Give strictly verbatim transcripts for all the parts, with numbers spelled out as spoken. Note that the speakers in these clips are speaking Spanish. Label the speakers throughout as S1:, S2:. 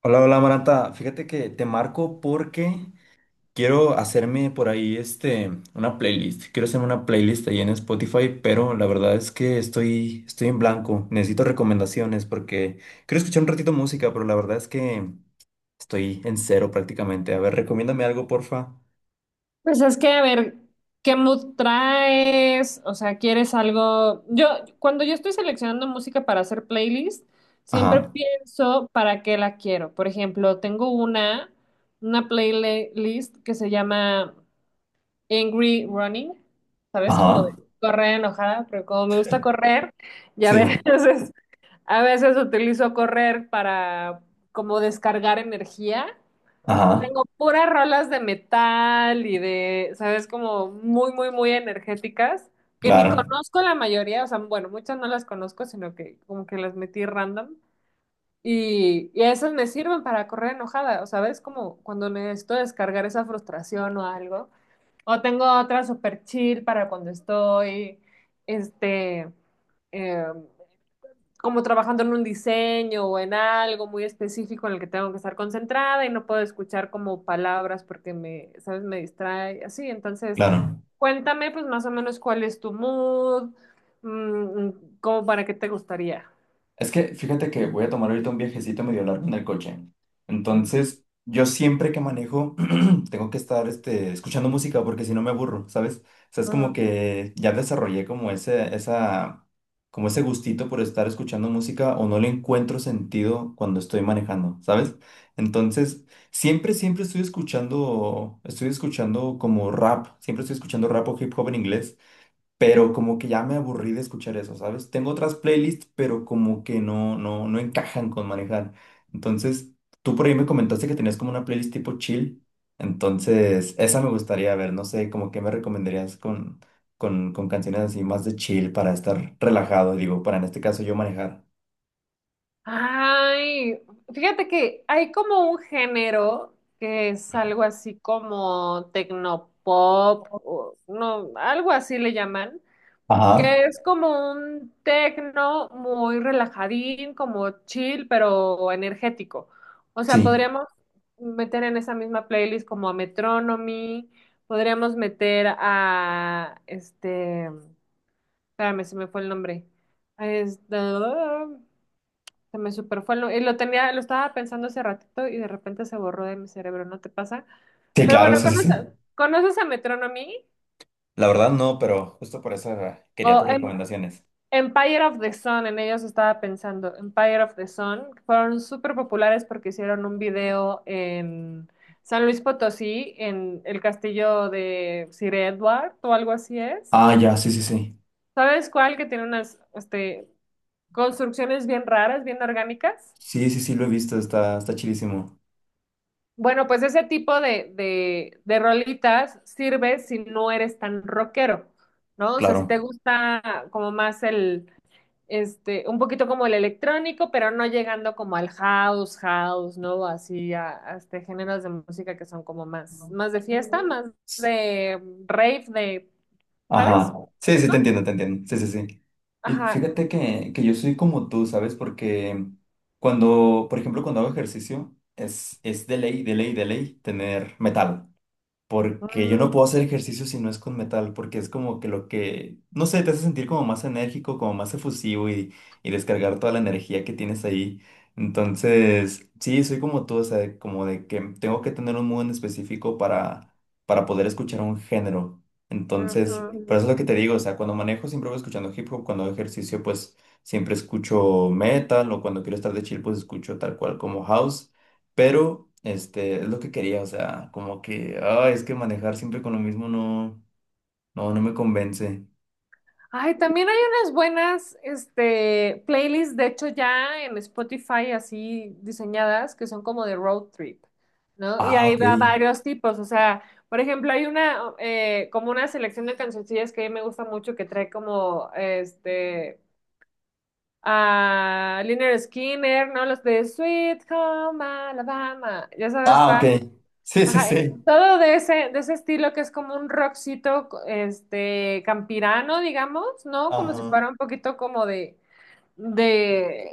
S1: Hola, hola Maranta. Fíjate que te marco porque quiero hacerme por ahí este una playlist. Quiero hacerme una playlist ahí en Spotify, pero la verdad es que estoy estoy en blanco. Necesito recomendaciones porque quiero escuchar un ratito música, pero la verdad es que estoy en cero prácticamente. A ver, recomiéndame algo, porfa.
S2: Pues es que, a ver, ¿qué mood traes? O sea, ¿quieres algo? Yo, cuando yo estoy seleccionando música para hacer playlist, siempre
S1: Ajá.
S2: pienso para qué la quiero. Por ejemplo, tengo una, una playlist que se llama Angry Running, ¿sabes? Como de
S1: Ajá.
S2: correr enojada, pero como me gusta correr, y a
S1: Sí.
S2: veces, a veces utilizo correr para como descargar energía.
S1: Ajá.
S2: Tengo puras rolas de metal y de, ¿sabes? Como muy, muy, muy energéticas, que ni
S1: Claro.
S2: conozco la mayoría, o sea, bueno, muchas no las conozco, sino que como que las metí random. Y, y esas me sirven para correr enojada, o sabes, como cuando necesito descargar esa frustración o algo. O tengo otra super chill para cuando estoy, este, em, como trabajando en un diseño o en algo muy específico en el que tengo que estar concentrada y no puedo escuchar como palabras porque me, ¿sabes? Me distrae, así. Entonces,
S1: Claro.
S2: cuéntame pues más o menos cuál es tu mood, mm, como para qué te gustaría.
S1: Es que fíjate que voy a tomar ahorita un viajecito medio largo en el coche.
S2: Mm,
S1: Entonces, yo siempre que manejo, tengo que estar este, escuchando música porque si no me aburro, ¿sabes? O sea, es como
S2: ujú.
S1: que ya desarrollé como ese, esa, como ese gustito por estar escuchando música o no le encuentro sentido cuando estoy manejando, ¿sabes? Entonces, siempre, siempre estoy escuchando, estoy escuchando como rap, siempre estoy escuchando rap o hip hop en inglés, pero como que ya me aburrí de escuchar eso, ¿sabes? Tengo otras playlists, pero como que no, no, no encajan con manejar. Entonces, tú por ahí me comentaste que tenías como una playlist tipo chill, entonces esa me gustaría ver, no sé, como que me recomendarías con, con, con canciones así más de chill para estar relajado, digo, para en este caso yo manejar.
S2: Ay, fíjate que hay como un género que es algo así como tecnopop, o no, algo así le llaman
S1: Ajá,
S2: que es como un tecno muy relajadín, como chill, pero energético. O sea,
S1: sí,
S2: podríamos meter en esa misma playlist como a Metronomy, podríamos meter a este, espérame, se me fue el nombre. Este, se me super fue el nombre. Y lo tenía, lo estaba pensando hace ratito y de repente se borró de mi cerebro, ¿no te pasa?
S1: sí,
S2: Pero
S1: claro,
S2: bueno,
S1: sí, sí, sí.
S2: ¿conoces, conoces a Metronomy?
S1: La verdad no, pero justo por eso eh, quería
S2: O
S1: tus
S2: en
S1: recomendaciones.
S2: Empire of the Sun, en ellos estaba pensando. Empire of the Sun fueron súper populares porque hicieron un video en San Luis Potosí, en el castillo de Sir Edward o algo así es.
S1: Ah, ya, sí, sí, sí.
S2: ¿Sabes cuál? Que tiene unas este, construcciones bien raras, bien orgánicas.
S1: Sí, sí, sí, lo he visto, está, está chilísimo.
S2: Bueno, pues ese tipo de, de, de rolitas sirve si no eres tan rockero, ¿no? O sea, si te
S1: Claro.
S2: gusta como más el este, un poquito como el electrónico, pero no llegando como al house, house, ¿no? Así a, a este géneros de música que son como más, más de fiesta, más de rave, de,
S1: Ajá,
S2: ¿sabes? ¿Me
S1: sí, sí, te
S2: explico?
S1: entiendo, te entiendo, sí, sí, sí. Y
S2: Ajá.
S1: fíjate que, que yo soy como tú, ¿sabes? Porque cuando, por ejemplo, cuando hago ejercicio, es, es de ley, de ley, de ley tener metal porque yo no
S2: Mm,
S1: puedo hacer ejercicio si no es con metal, porque es como que lo que, no sé, te hace sentir como más enérgico, como más efusivo y, y descargar toda la energía que tienes ahí. Entonces, sí, soy como tú, o sea, como de que tengo que tener un mood en específico para, para poder escuchar un género. Entonces,
S2: ujú.
S1: por eso es lo que te digo, o sea, cuando manejo siempre voy escuchando hip hop, cuando hago ejercicio pues siempre escucho metal o cuando quiero estar de chill pues escucho tal cual como house. Pero, este, es lo que quería, o sea, como que, ah, es que manejar siempre con lo mismo no, no, no me convence.
S2: Ay, también hay unas buenas, este, playlists, de hecho ya en Spotify así diseñadas, que son como de road trip, ¿no? Y
S1: Ah,
S2: ahí
S1: ok.
S2: va varios tipos, o sea, por ejemplo, hay una, eh, como una selección de cancioncillas que a mí me gusta mucho, que trae como, este, a Lynyrd Skinner, ¿no? Los de Sweet Home Alabama, ya sabes.
S1: Ah, ok. Sí, sí,
S2: Ajá, eh,
S1: sí.
S2: todo de ese, de ese estilo que es como un rockcito, co- este, campirano, digamos, ¿no? Como si
S1: Ajá.
S2: fuera un poquito como de, de,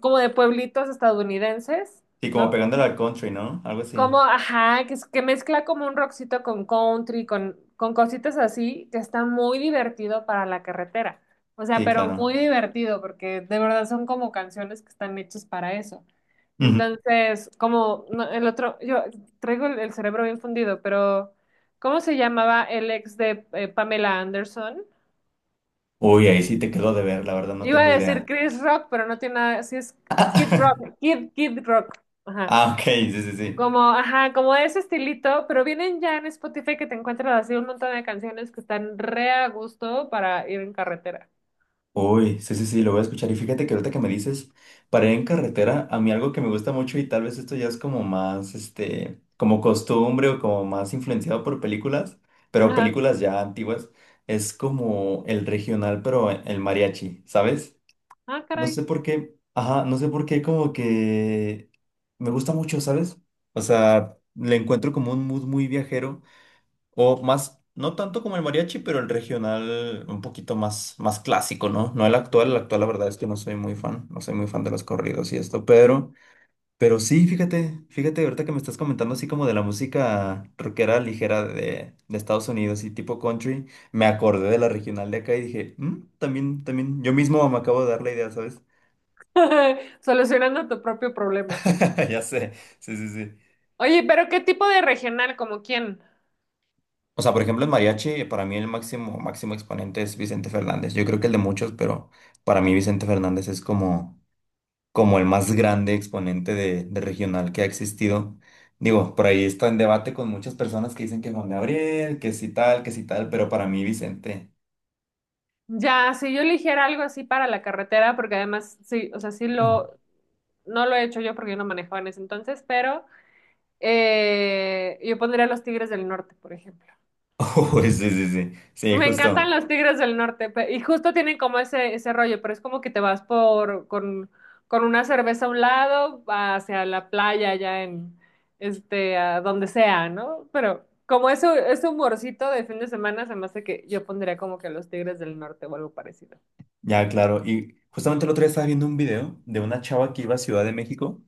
S2: como de pueblitos estadounidenses,
S1: Sí, como
S2: ¿no?
S1: pegándole al country, ¿no? Algo así.
S2: Como, ajá, que, es- que mezcla como un rockcito con country, con, con cositas así, que está muy divertido para la carretera. O sea,
S1: Sí,
S2: pero muy
S1: claro.
S2: divertido, porque de verdad son como canciones que están hechas para eso.
S1: Ujú.
S2: Entonces, como no, el otro, yo traigo el, el cerebro bien fundido, pero ¿cómo se llamaba el ex de eh, Pamela Anderson?
S1: Uy, ahí sí te quedó de ver, la verdad no
S2: Iba
S1: tengo
S2: a decir
S1: idea.
S2: Chris Rock, pero no tiene nada, sí es Kid Rock, Kid, Kid Rock. Ajá.
S1: Ah, ok, sí, sí, sí.
S2: Como, ajá, como de ese estilito, pero vienen ya en Spotify que te encuentras así un montón de canciones que están re a gusto para ir en carretera.
S1: Uy, sí, sí, sí, lo voy a escuchar. Y fíjate que ahorita que me dices, para ir en carretera, a mí algo que me gusta mucho y tal vez esto ya es como más, este, como costumbre o como más influenciado por películas, pero
S2: Ajá.
S1: películas ya antiguas, es como el regional, pero el mariachi, ¿sabes?
S2: Ah,
S1: No sé
S2: caray.
S1: por qué, ajá, no sé por qué como que me gusta mucho, ¿sabes? O sea, le encuentro como un mood muy viajero o más, no tanto como el mariachi, pero el regional un poquito más, más clásico, ¿no? No el actual, el actual la verdad es que no soy muy fan, no soy muy fan de los corridos y esto, pero, pero sí, fíjate, fíjate ahorita que me estás comentando así como de la música rockera ligera de, de Estados Unidos y tipo country, me acordé de la regional de acá y dije, "Mm, también, también, yo mismo me acabo de dar la idea, ¿sabes?"
S2: Solucionando tu propio problema.
S1: Ya sé, sí, sí, sí.
S2: Oye, pero ¿qué tipo de regional? ¿Como quién?
S1: O sea, por ejemplo, en mariachi, para mí el máximo, máximo exponente es Vicente Fernández. Yo creo que el de muchos, pero para mí Vicente Fernández es como, como el más grande exponente de, de regional que ha existido. Digo, por ahí está en debate con muchas personas que dicen que Juan Gabriel, que sí tal, que sí tal, pero para mí Vicente.
S2: Ya, si yo eligiera algo así para la carretera, porque además, sí, o sea, sí lo, no lo he hecho yo porque yo no manejaba en ese entonces, pero eh, yo pondría Los Tigres del Norte, por ejemplo.
S1: Oh, sí, sí, sí. Sí,
S2: Me encantan
S1: justo.
S2: los Tigres del Norte pe- y justo tienen como ese, ese rollo, pero es como que te vas por con, con una cerveza a un lado hacia la playa allá en este a donde sea, ¿no? Pero como eso ese humorcito de fin de semana se me hace que yo pondría como que los Tigres del Norte o algo parecido.
S1: Ya, claro. Y justamente el otro día estaba viendo un video de una chava que iba a Ciudad de México,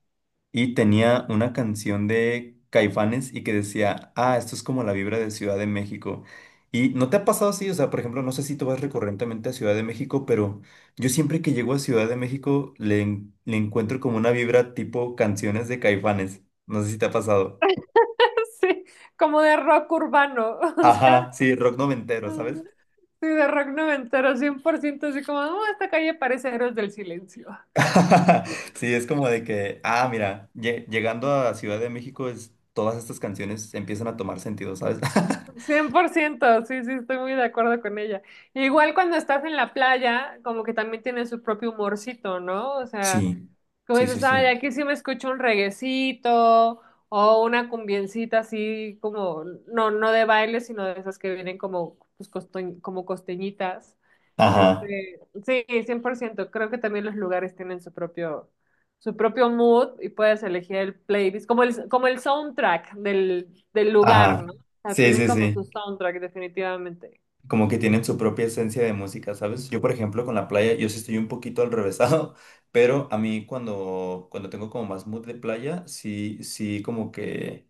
S1: y tenía una canción de Caifanes y que decía, ah, esto es como la vibra de Ciudad de México. Y no te ha pasado así, o sea, por ejemplo, no sé si tú vas recurrentemente a Ciudad de México, pero yo siempre que llego a Ciudad de México le, en- le encuentro como una vibra tipo canciones de Caifanes. No sé si te ha pasado.
S2: Sí, como de rock urbano, o sea,
S1: Ajá, sí, rock noventero, ¿sabes?
S2: sí, de rock noventero, cien por ciento, así como, "Oh, esta calle parece Héroes del Silencio".
S1: Sí, es como de que, ah, mira, lle- llegando a Ciudad de México, es, todas estas canciones empiezan a tomar sentido, ¿sabes?
S2: Cien por ciento. Sí, sí, estoy muy de acuerdo con ella. Igual cuando estás en la playa, como que también tiene su propio humorcito, ¿no? O sea,
S1: Sí,
S2: como
S1: sí, sí,
S2: dices, ay,
S1: sí.
S2: aquí sí me escucho un reguecito o una cumbiencita así como, no, no de baile, sino de esas que vienen como, pues, costo- como costeñitas.
S1: Ajá.
S2: Este, sí, cien por ciento. Creo que también los lugares tienen su propio, su propio mood y puedes elegir el playlist, como el, como el soundtrack del, del lugar,
S1: Ajá,
S2: ¿no? O sea,
S1: sí,
S2: tienen
S1: sí,
S2: como su
S1: sí.
S2: soundtrack definitivamente.
S1: Como que tienen su propia esencia de música, ¿sabes? Yo, por ejemplo, con la playa, yo sí estoy un poquito al revésado, pero a mí cuando, cuando tengo como más mood de playa, sí, sí, como que...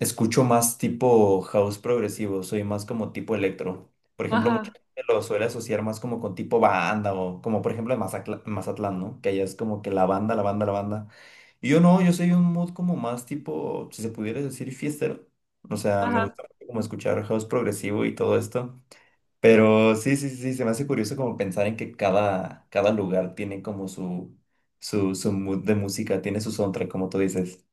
S1: Escucho más tipo house progresivo, soy más como tipo electro. Por ejemplo, mucha
S2: Ajá,
S1: gente lo suele asociar más como con tipo banda o como por ejemplo en Mazatla- Mazatlán, ¿no? Que allá es como que la banda, la banda, la banda. Y yo no, yo soy un mood como más tipo, si se pudiera decir, fiestero. O sea, me
S2: ajá.
S1: gusta mucho como escuchar house progresivo y todo esto. Pero sí, sí, sí, se me hace curioso como pensar en que cada, cada lugar tiene como su, su, su mood de música, tiene su soundtrack, como tú dices.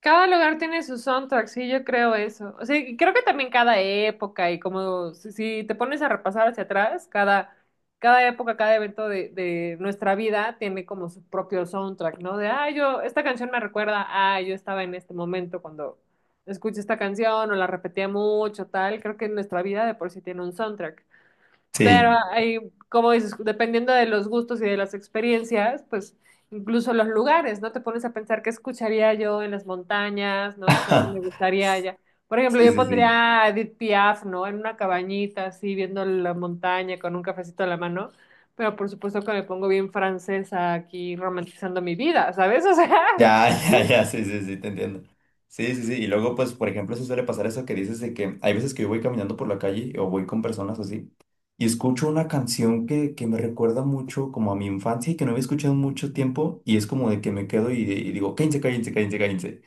S2: Cada lugar tiene su soundtrack, sí, yo creo eso. O sea, y creo que también cada época y como si, si te pones a repasar hacia atrás, cada, cada época, cada evento de, de nuestra vida tiene como su propio soundtrack, ¿no? De, ah, yo, esta canción me recuerda, ah, yo estaba en este momento cuando escuché esta canción o la repetía mucho, tal. Creo que nuestra vida de por sí tiene un soundtrack. Pero
S1: Sí.
S2: hay, como dices, dependiendo de los gustos y de las experiencias, pues incluso los lugares, ¿no? Te pones a pensar qué escucharía yo en las montañas, ¿no? O sea, qué me gustaría allá. Por ejemplo,
S1: Sí,
S2: yo
S1: sí, sí.
S2: pondría a Edith Piaf, ¿no? En una cabañita, así, viendo la montaña con un cafecito a la mano. Pero por supuesto que me pongo bien francesa aquí, romantizando mi vida, ¿sabes? O sea,
S1: Ya, ya, ya, sí, sí, sí, te entiendo. Sí, sí, sí. Y luego, pues, por ejemplo, se suele pasar eso que dices de que hay veces que yo voy caminando por la calle o voy con personas así y escucho una canción que, que me recuerda mucho como a mi infancia y que no había escuchado en mucho tiempo y es como de que me quedo y, y digo, cállense, cállense, cállense, cállense.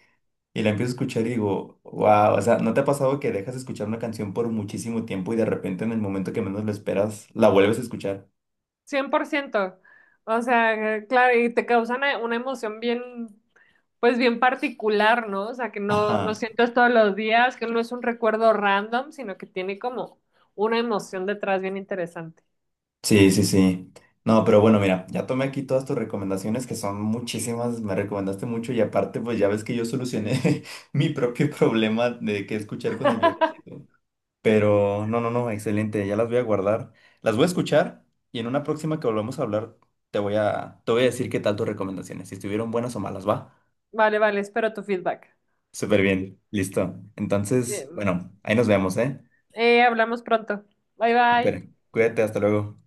S1: Y la empiezo a escuchar y digo, wow, o sea, ¿no te ha pasado que dejas de escuchar una canción por muchísimo tiempo y de repente en el momento que menos lo esperas la vuelves a escuchar?
S2: cien por ciento. O sea, eh, claro, y te causan una emoción bien, pues bien particular, ¿no? O sea, que no,
S1: Ajá.
S2: no sientes todos los días, que no es un recuerdo random, sino que tiene como una emoción detrás bien interesante.
S1: Sí, sí, sí. No, pero bueno, mira, ya tomé aquí todas tus recomendaciones, que son muchísimas, me recomendaste mucho y aparte, pues ya ves que yo solucioné mi propio problema de qué escuchar con el viejecito. Pero no, no, no, excelente, ya las voy a guardar. Las voy a escuchar y en una próxima que volvamos a hablar, te voy a, te voy a decir qué tal tus recomendaciones, si estuvieron buenas o malas, ¿va?
S2: Vale, vale, espero tu feedback.
S1: Súper bien, listo. Entonces,
S2: Bien.
S1: bueno, ahí nos vemos, ¿eh?
S2: Eh, hablamos pronto. Bye, bye.
S1: Súper, cuídate, hasta luego.